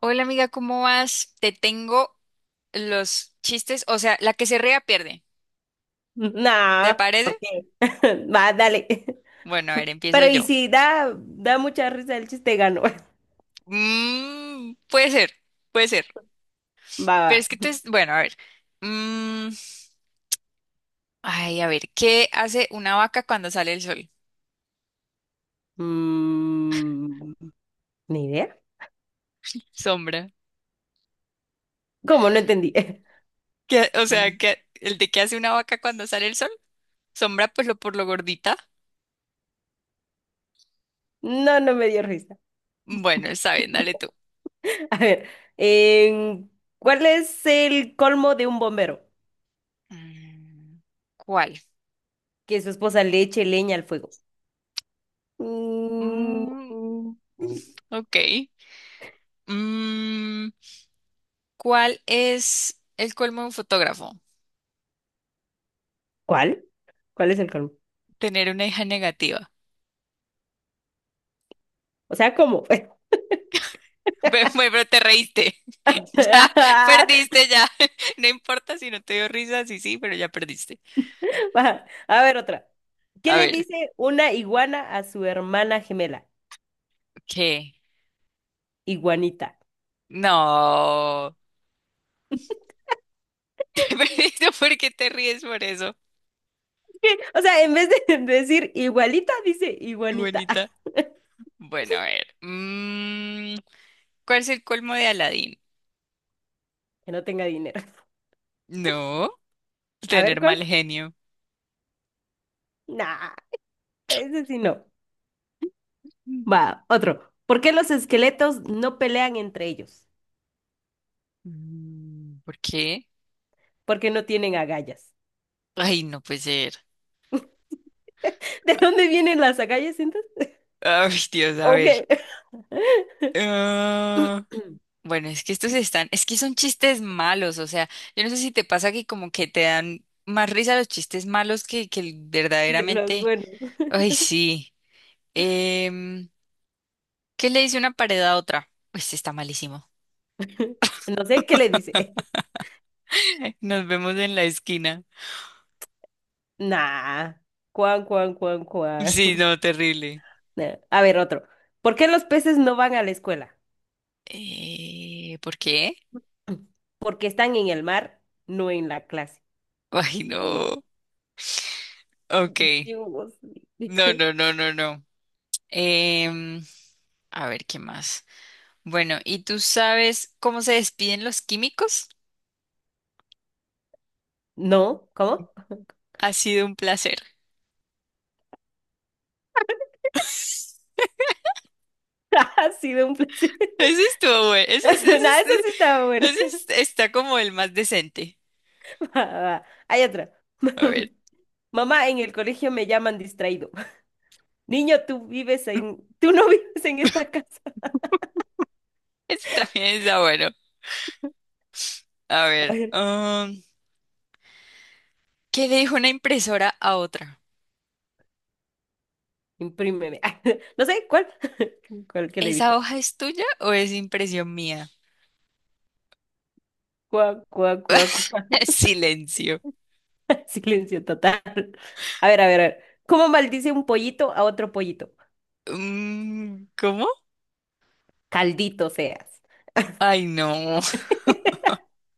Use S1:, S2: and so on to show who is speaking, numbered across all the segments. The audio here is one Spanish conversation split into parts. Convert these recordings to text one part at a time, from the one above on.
S1: Hola amiga, ¿cómo vas? Te tengo los chistes, o sea, la que se ría pierde. ¿Te
S2: No,
S1: parece?
S2: ¿por qué? Va, dale.
S1: Bueno, a ver, empiezo
S2: Pero y
S1: yo.
S2: si da mucha risa el chiste, ganó.
S1: Mm, puede ser, puede ser.
S2: Va,
S1: Pero es que
S2: va.
S1: te... Bueno, a ver. Mm, ay, a ver, ¿qué hace una vaca cuando sale el sol?
S2: Mm, ¿ni idea?
S1: Sombra.
S2: ¿Cómo? No entendí.
S1: ¿El de qué hace una vaca cuando sale el sol? Sombra, pues lo por lo gordita.
S2: No, no me dio risa.
S1: Bueno, está bien, dale tú.
S2: A ver, em, ¿cuál es el colmo de un bombero?
S1: Mm, ¿cuál?
S2: Que su esposa le eche leña al fuego. Mm,
S1: Mm, ok. Mm, ¿Cuál es el colmo de un fotógrafo?
S2: ¿cuál? ¿Cuál es el colmo?
S1: Tener una hija negativa.
S2: O sea, ¿cómo?
S1: Ve, pero te reíste. Ya perdiste, ya. No importa si no te dio risa, sí, sí, pero ya perdiste.
S2: Va, a ver, otra. ¿Qué
S1: A
S2: le
S1: ver,
S2: dice una iguana a su hermana gemela?
S1: ¿qué?
S2: Iguanita.
S1: No. Te perdiste, ¿por qué te ríes por eso?
S2: O sea, en vez de decir igualita, dice
S1: Qué
S2: iguanita.
S1: bonita. Bueno, a ver. ¿Cuál es el colmo de Aladín?
S2: Que no tenga dinero.
S1: No,
S2: A ver
S1: tener
S2: cuál.
S1: mal genio.
S2: Nah, ese sí no. Va, otro. ¿Por qué los esqueletos no pelean entre ellos?
S1: Mm, ¿por qué?
S2: Porque no tienen agallas.
S1: Ay, no puede ser.
S2: ¿De dónde vienen las agallas entonces?
S1: Ay, Dios, a
S2: Ok.
S1: ver. Ah, Bueno, es que estos están, es que son chistes malos, o sea, yo no sé si te pasa que como que te dan más risa los chistes malos que el
S2: De los
S1: verdaderamente,
S2: buenos.
S1: ay, sí. Em, ¿Qué le dice una pared a otra? Pues está malísimo.
S2: No sé qué le dice.
S1: Nos vemos en la esquina.
S2: Nah. Cuan, cuan, cuan, cuan.
S1: Sí, no, terrible.
S2: A ver, otro. ¿Por qué los peces no van a la escuela?
S1: ¿Por qué?
S2: Porque están en el mar, no en la clase.
S1: Ay,
S2: No, en-
S1: no. Ok.
S2: Dios mío.
S1: No, no, no, no, no. Em, a ver, ¿qué más? Bueno, ¿y tú sabes cómo se despiden los químicos?
S2: No, ¿cómo?
S1: Ha sido un placer.
S2: Ha sido un placer.
S1: Ese estuvo bueno.
S2: No,
S1: Ese, es- ese,
S2: esa
S1: es-
S2: sí estaba buena.
S1: ese es- está como el más decente.
S2: Va, va. Hay otra.
S1: A ver,
S2: Mamá, en el colegio me llaman distraído. Niño, tú vives en, tú no vives en esta casa.
S1: ese también está bueno. A
S2: A
S1: ver,
S2: ver,
S1: ¿qué le dijo una impresora a otra?
S2: imprímeme. No sé, ¿cuál? ¿Cuál que le
S1: ¿Esa
S2: dijo?
S1: hoja es tuya o es impresión mía?
S2: Cuá, cuá, cuá, cuá.
S1: Silencio.
S2: Silencio total. A ver, a ver, a ver. ¿Cómo maldice un pollito a otro pollito?
S1: Mm, ¿cómo?
S2: Caldito seas.
S1: Ay, no.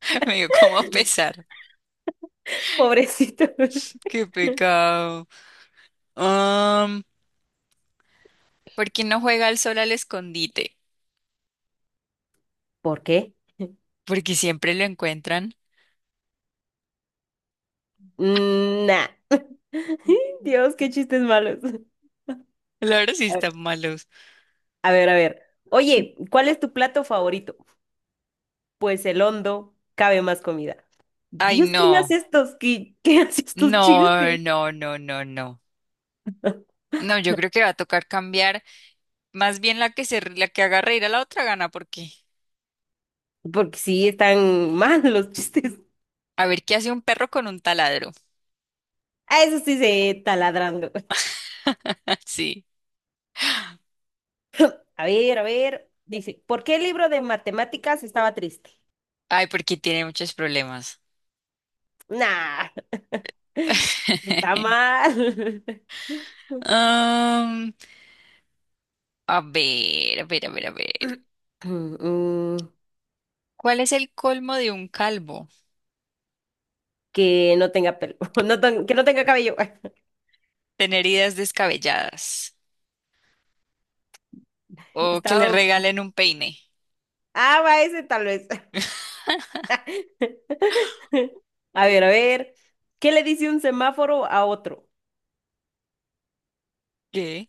S1: Me dio como pesar.
S2: Pobrecito.
S1: Qué pecado. Um, ¿Por qué no juega al sol al escondite?
S2: ¿Por qué?
S1: Porque siempre lo encuentran.
S2: Mm, nah. Dios, qué chistes malos.
S1: Claro, sí
S2: A ver,
S1: están malos.
S2: a ver, a ver. Oye, ¿cuál es tu plato favorito? Pues el hondo, cabe más comida.
S1: Ay,
S2: Dios, ¿quién
S1: no.
S2: hace estos? ¿Qué hace estos
S1: No,
S2: chistes?
S1: no, no, no, no. No, yo creo que va a tocar cambiar. Más bien la que haga reír a la otra gana, porque
S2: Porque sí, están mal los chistes.
S1: a ver qué hace un perro con un taladro.
S2: A eso sí se taladrando.
S1: Sí.
S2: A ver, a ver. Dice, ¿por qué el libro de matemáticas estaba triste?
S1: Ay, porque tiene muchos problemas.
S2: Nah, está mal.
S1: Am, a ver, a ver, a ver, a ver.
S2: Mm,
S1: ¿Cuál es el colmo de un calvo?
S2: que no tenga pelo, no ten- que no tenga cabello.
S1: Tener ideas descabelladas. O que le
S2: Estaba...
S1: regalen un peine.
S2: Ah, va ese tal vez. A ver, a ver. ¿Qué le dice un semáforo a otro?
S1: ¿Qué?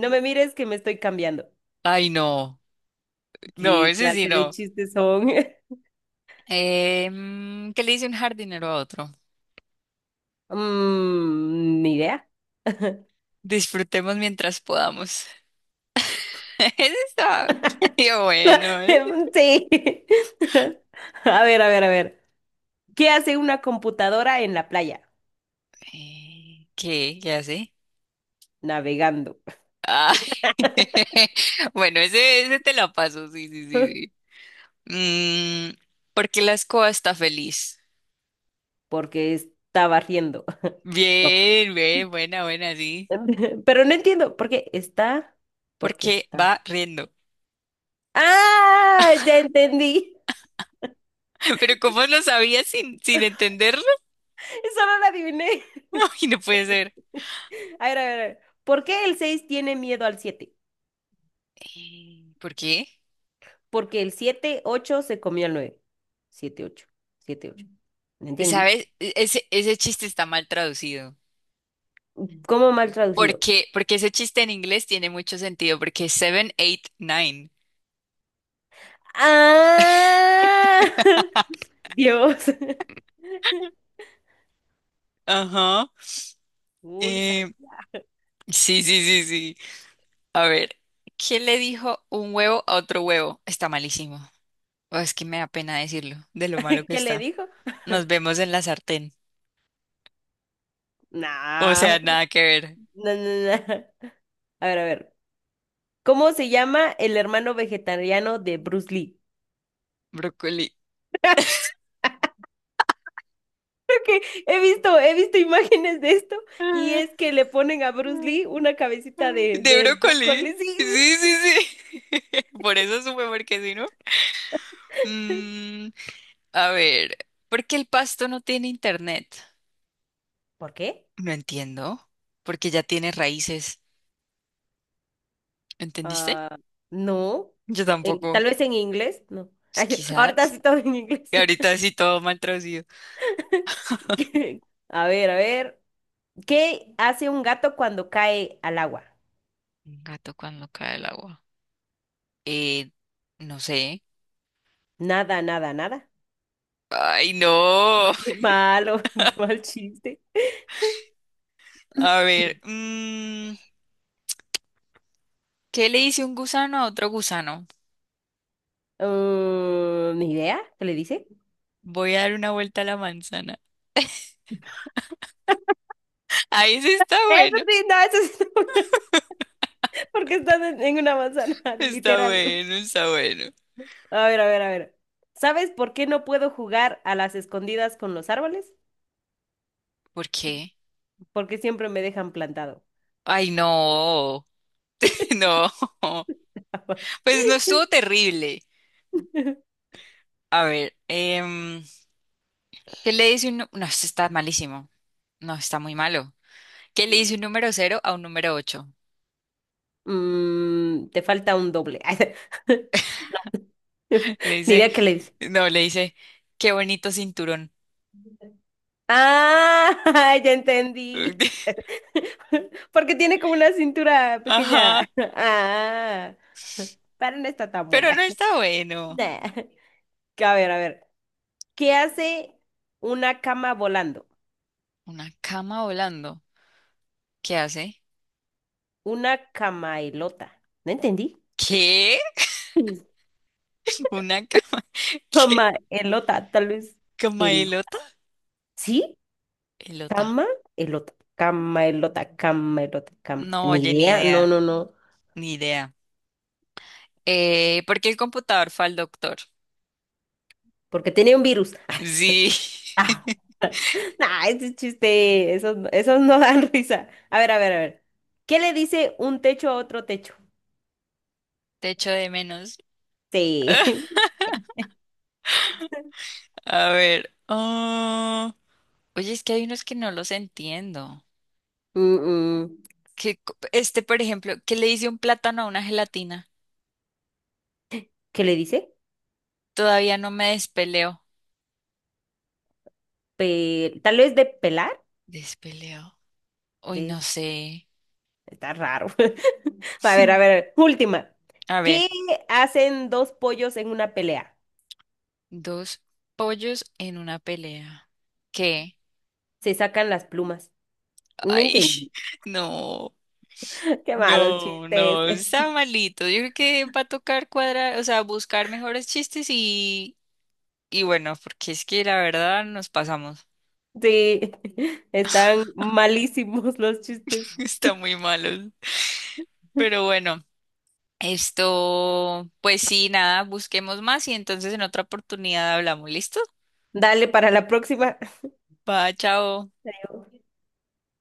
S2: No me mires que me estoy cambiando.
S1: Ay, no. No,
S2: ¿Qué
S1: ese sí
S2: clase de
S1: no.
S2: chistes son?
S1: ¿Qué le dice un jardinero a otro?
S2: Mm, ni idea.
S1: Disfrutemos mientras podamos. Eso está. Yo, bueno. ¿Eh?
S2: Sí. A ver, a ver, a ver. ¿Qué hace una computadora en la playa?
S1: ¿Qué? ¿Qué hace?
S2: Navegando.
S1: Ah, bueno, ese te la paso, sí, sí, sí, sí. Mm, ¿por qué la escoba está feliz?
S2: Porque está barriendo. No.
S1: Bien, bien, buena, buena, sí.
S2: Pero no entiendo por qué está, porque
S1: Porque
S2: está.
S1: va riendo.
S2: ¡Ah! Ya entendí.
S1: Pero ¿cómo lo sabías sin entenderlo?
S2: Eso no lo adiviné.
S1: Ay, no puede ser.
S2: A ver, a ver, a ver. ¿Por qué el 6 tiene miedo al siete?
S1: ¿Por qué?
S2: Porque el siete ocho se comió al nueve. Siete ocho, siete ocho, no entendí.
S1: ¿Sabes? Ese, ese chiste está mal traducido.
S2: ¿Cómo mal traducido?
S1: Porque ese chiste en inglés tiene mucho sentido, porque es seven, eight, nine.
S2: ¡Ah! Dios.
S1: Ajá.
S2: Un sal-
S1: Eh, sí, sí, sí, sí. A ver, ¿qué le dijo un huevo a otro huevo? Está malísimo. Oh, es que me da pena decirlo, de lo malo que
S2: ¿Qué le
S1: está.
S2: dijo?
S1: Nos vemos en la sartén. O sea,
S2: No,
S1: nada que ver.
S2: no, no, no. A ver, a ver. ¿Cómo se llama el hermano vegetariano de Bruce Lee?
S1: Brócoli.
S2: He visto imágenes de esto y
S1: Ah,
S2: es que le ponen a Bruce Lee una cabecita de,
S1: ¿de
S2: del
S1: brócoli?
S2: brócoli. Sí,
S1: Sí, sí, sí. Por eso supe, porque si no.
S2: sí.
S1: Mm, a ver, ¿por qué el pasto no tiene internet?
S2: ¿Por qué?
S1: No entiendo, porque ya tiene raíces, ¿entendiste?
S2: Ah, no.
S1: Yo
S2: En-
S1: tampoco,
S2: tal vez en inglés, no.
S1: pues,
S2: Ay, ahorita
S1: quizás.
S2: sí todo en inglés.
S1: Y ahorita sí todo mal traducido.
S2: ¿Qué? A ver, a ver. ¿Qué hace un gato cuando cae al agua?
S1: Un gato cuando cae el agua. Eh, no sé.
S2: Nada, nada, nada.
S1: Ay, no.
S2: Qué malo, qué mal chiste.
S1: A ver, mm, ¿qué le dice un gusano a otro gusano?
S2: Mm, ni idea, ¿qué le dice?
S1: Voy a dar una vuelta a la manzana. Ahí sí está
S2: Eso
S1: bueno.
S2: sí, no, eso sí, porque estás en una manzana,
S1: Está
S2: literal.
S1: bueno, está bueno.
S2: A ver, a ver, a ver. ¿Sabes por qué no puedo jugar a las escondidas con los árboles?
S1: ¿Por qué?
S2: Porque siempre me dejan plantado.
S1: Ay, no. No. Pues no estuvo terrible. A ver, ¿qué le dice un... No, esto está malísimo. No, está muy malo. ¿Qué le dice un número cero a un número ocho?
S2: Mm, te falta un doble.
S1: Le
S2: Ni
S1: dice,
S2: idea qué le dice.
S1: no, le dice, qué bonito cinturón.
S2: Ah, ya entendí. Porque tiene como una cintura pequeña.
S1: Ajá,
S2: Ah, pero no está tan
S1: pero no
S2: buena.
S1: está bueno.
S2: Nah. A ver, a ver. ¿Qué hace una cama volando?
S1: Una cama volando. ¿Qué hace?
S2: Una camaelota. No entendí.
S1: ¿Qué? ¿Una cama? ¿Qué?
S2: Camaelota, tal vez.
S1: ¿Cama
S2: El...
S1: elota?
S2: ¿Sí?
S1: Elota.
S2: Camaelota. Camaelota, camaelota, cam...
S1: No,
S2: Ni
S1: oye, ni
S2: idea. No,
S1: idea,
S2: no, no.
S1: ni idea. ¿Por qué el computador fue al doctor?
S2: Porque tenía un virus.
S1: Sí,
S2: Ah, nah, ese chiste. Esos no dan risa. A ver, a ver, a ver. ¿Qué le dice un techo a otro techo?
S1: te echo de menos.
S2: Sí.
S1: A ver. Oye, es que hay unos que no los entiendo.
S2: Mm, mm,
S1: Que, este, por ejemplo, ¿qué le dice un plátano a una gelatina?
S2: ¿qué le dice?
S1: Todavía no me despeleo.
S2: Pe- Tal vez de pelar.
S1: ¿Despeleo? Uy, no
S2: De...
S1: sé.
S2: Está raro. A ver, a ver. Última.
S1: A
S2: ¿Qué
S1: ver,
S2: hacen dos pollos en una pelea?
S1: dos pollos en una pelea. ¿Qué?
S2: Se sacan las plumas. No
S1: Ay,
S2: entendí.
S1: no,
S2: Qué malos
S1: no,
S2: chistes.
S1: no, está malito. Yo creo que va a tocar cuadrar, o sea, buscar mejores chistes y bueno, porque es que la verdad nos pasamos.
S2: Sí, están malísimos los chistes.
S1: Está muy malo. Pero bueno. Esto, pues sí, nada, busquemos más y entonces en otra oportunidad hablamos. ¿Listo?
S2: Dale para la próxima.
S1: Va, chao.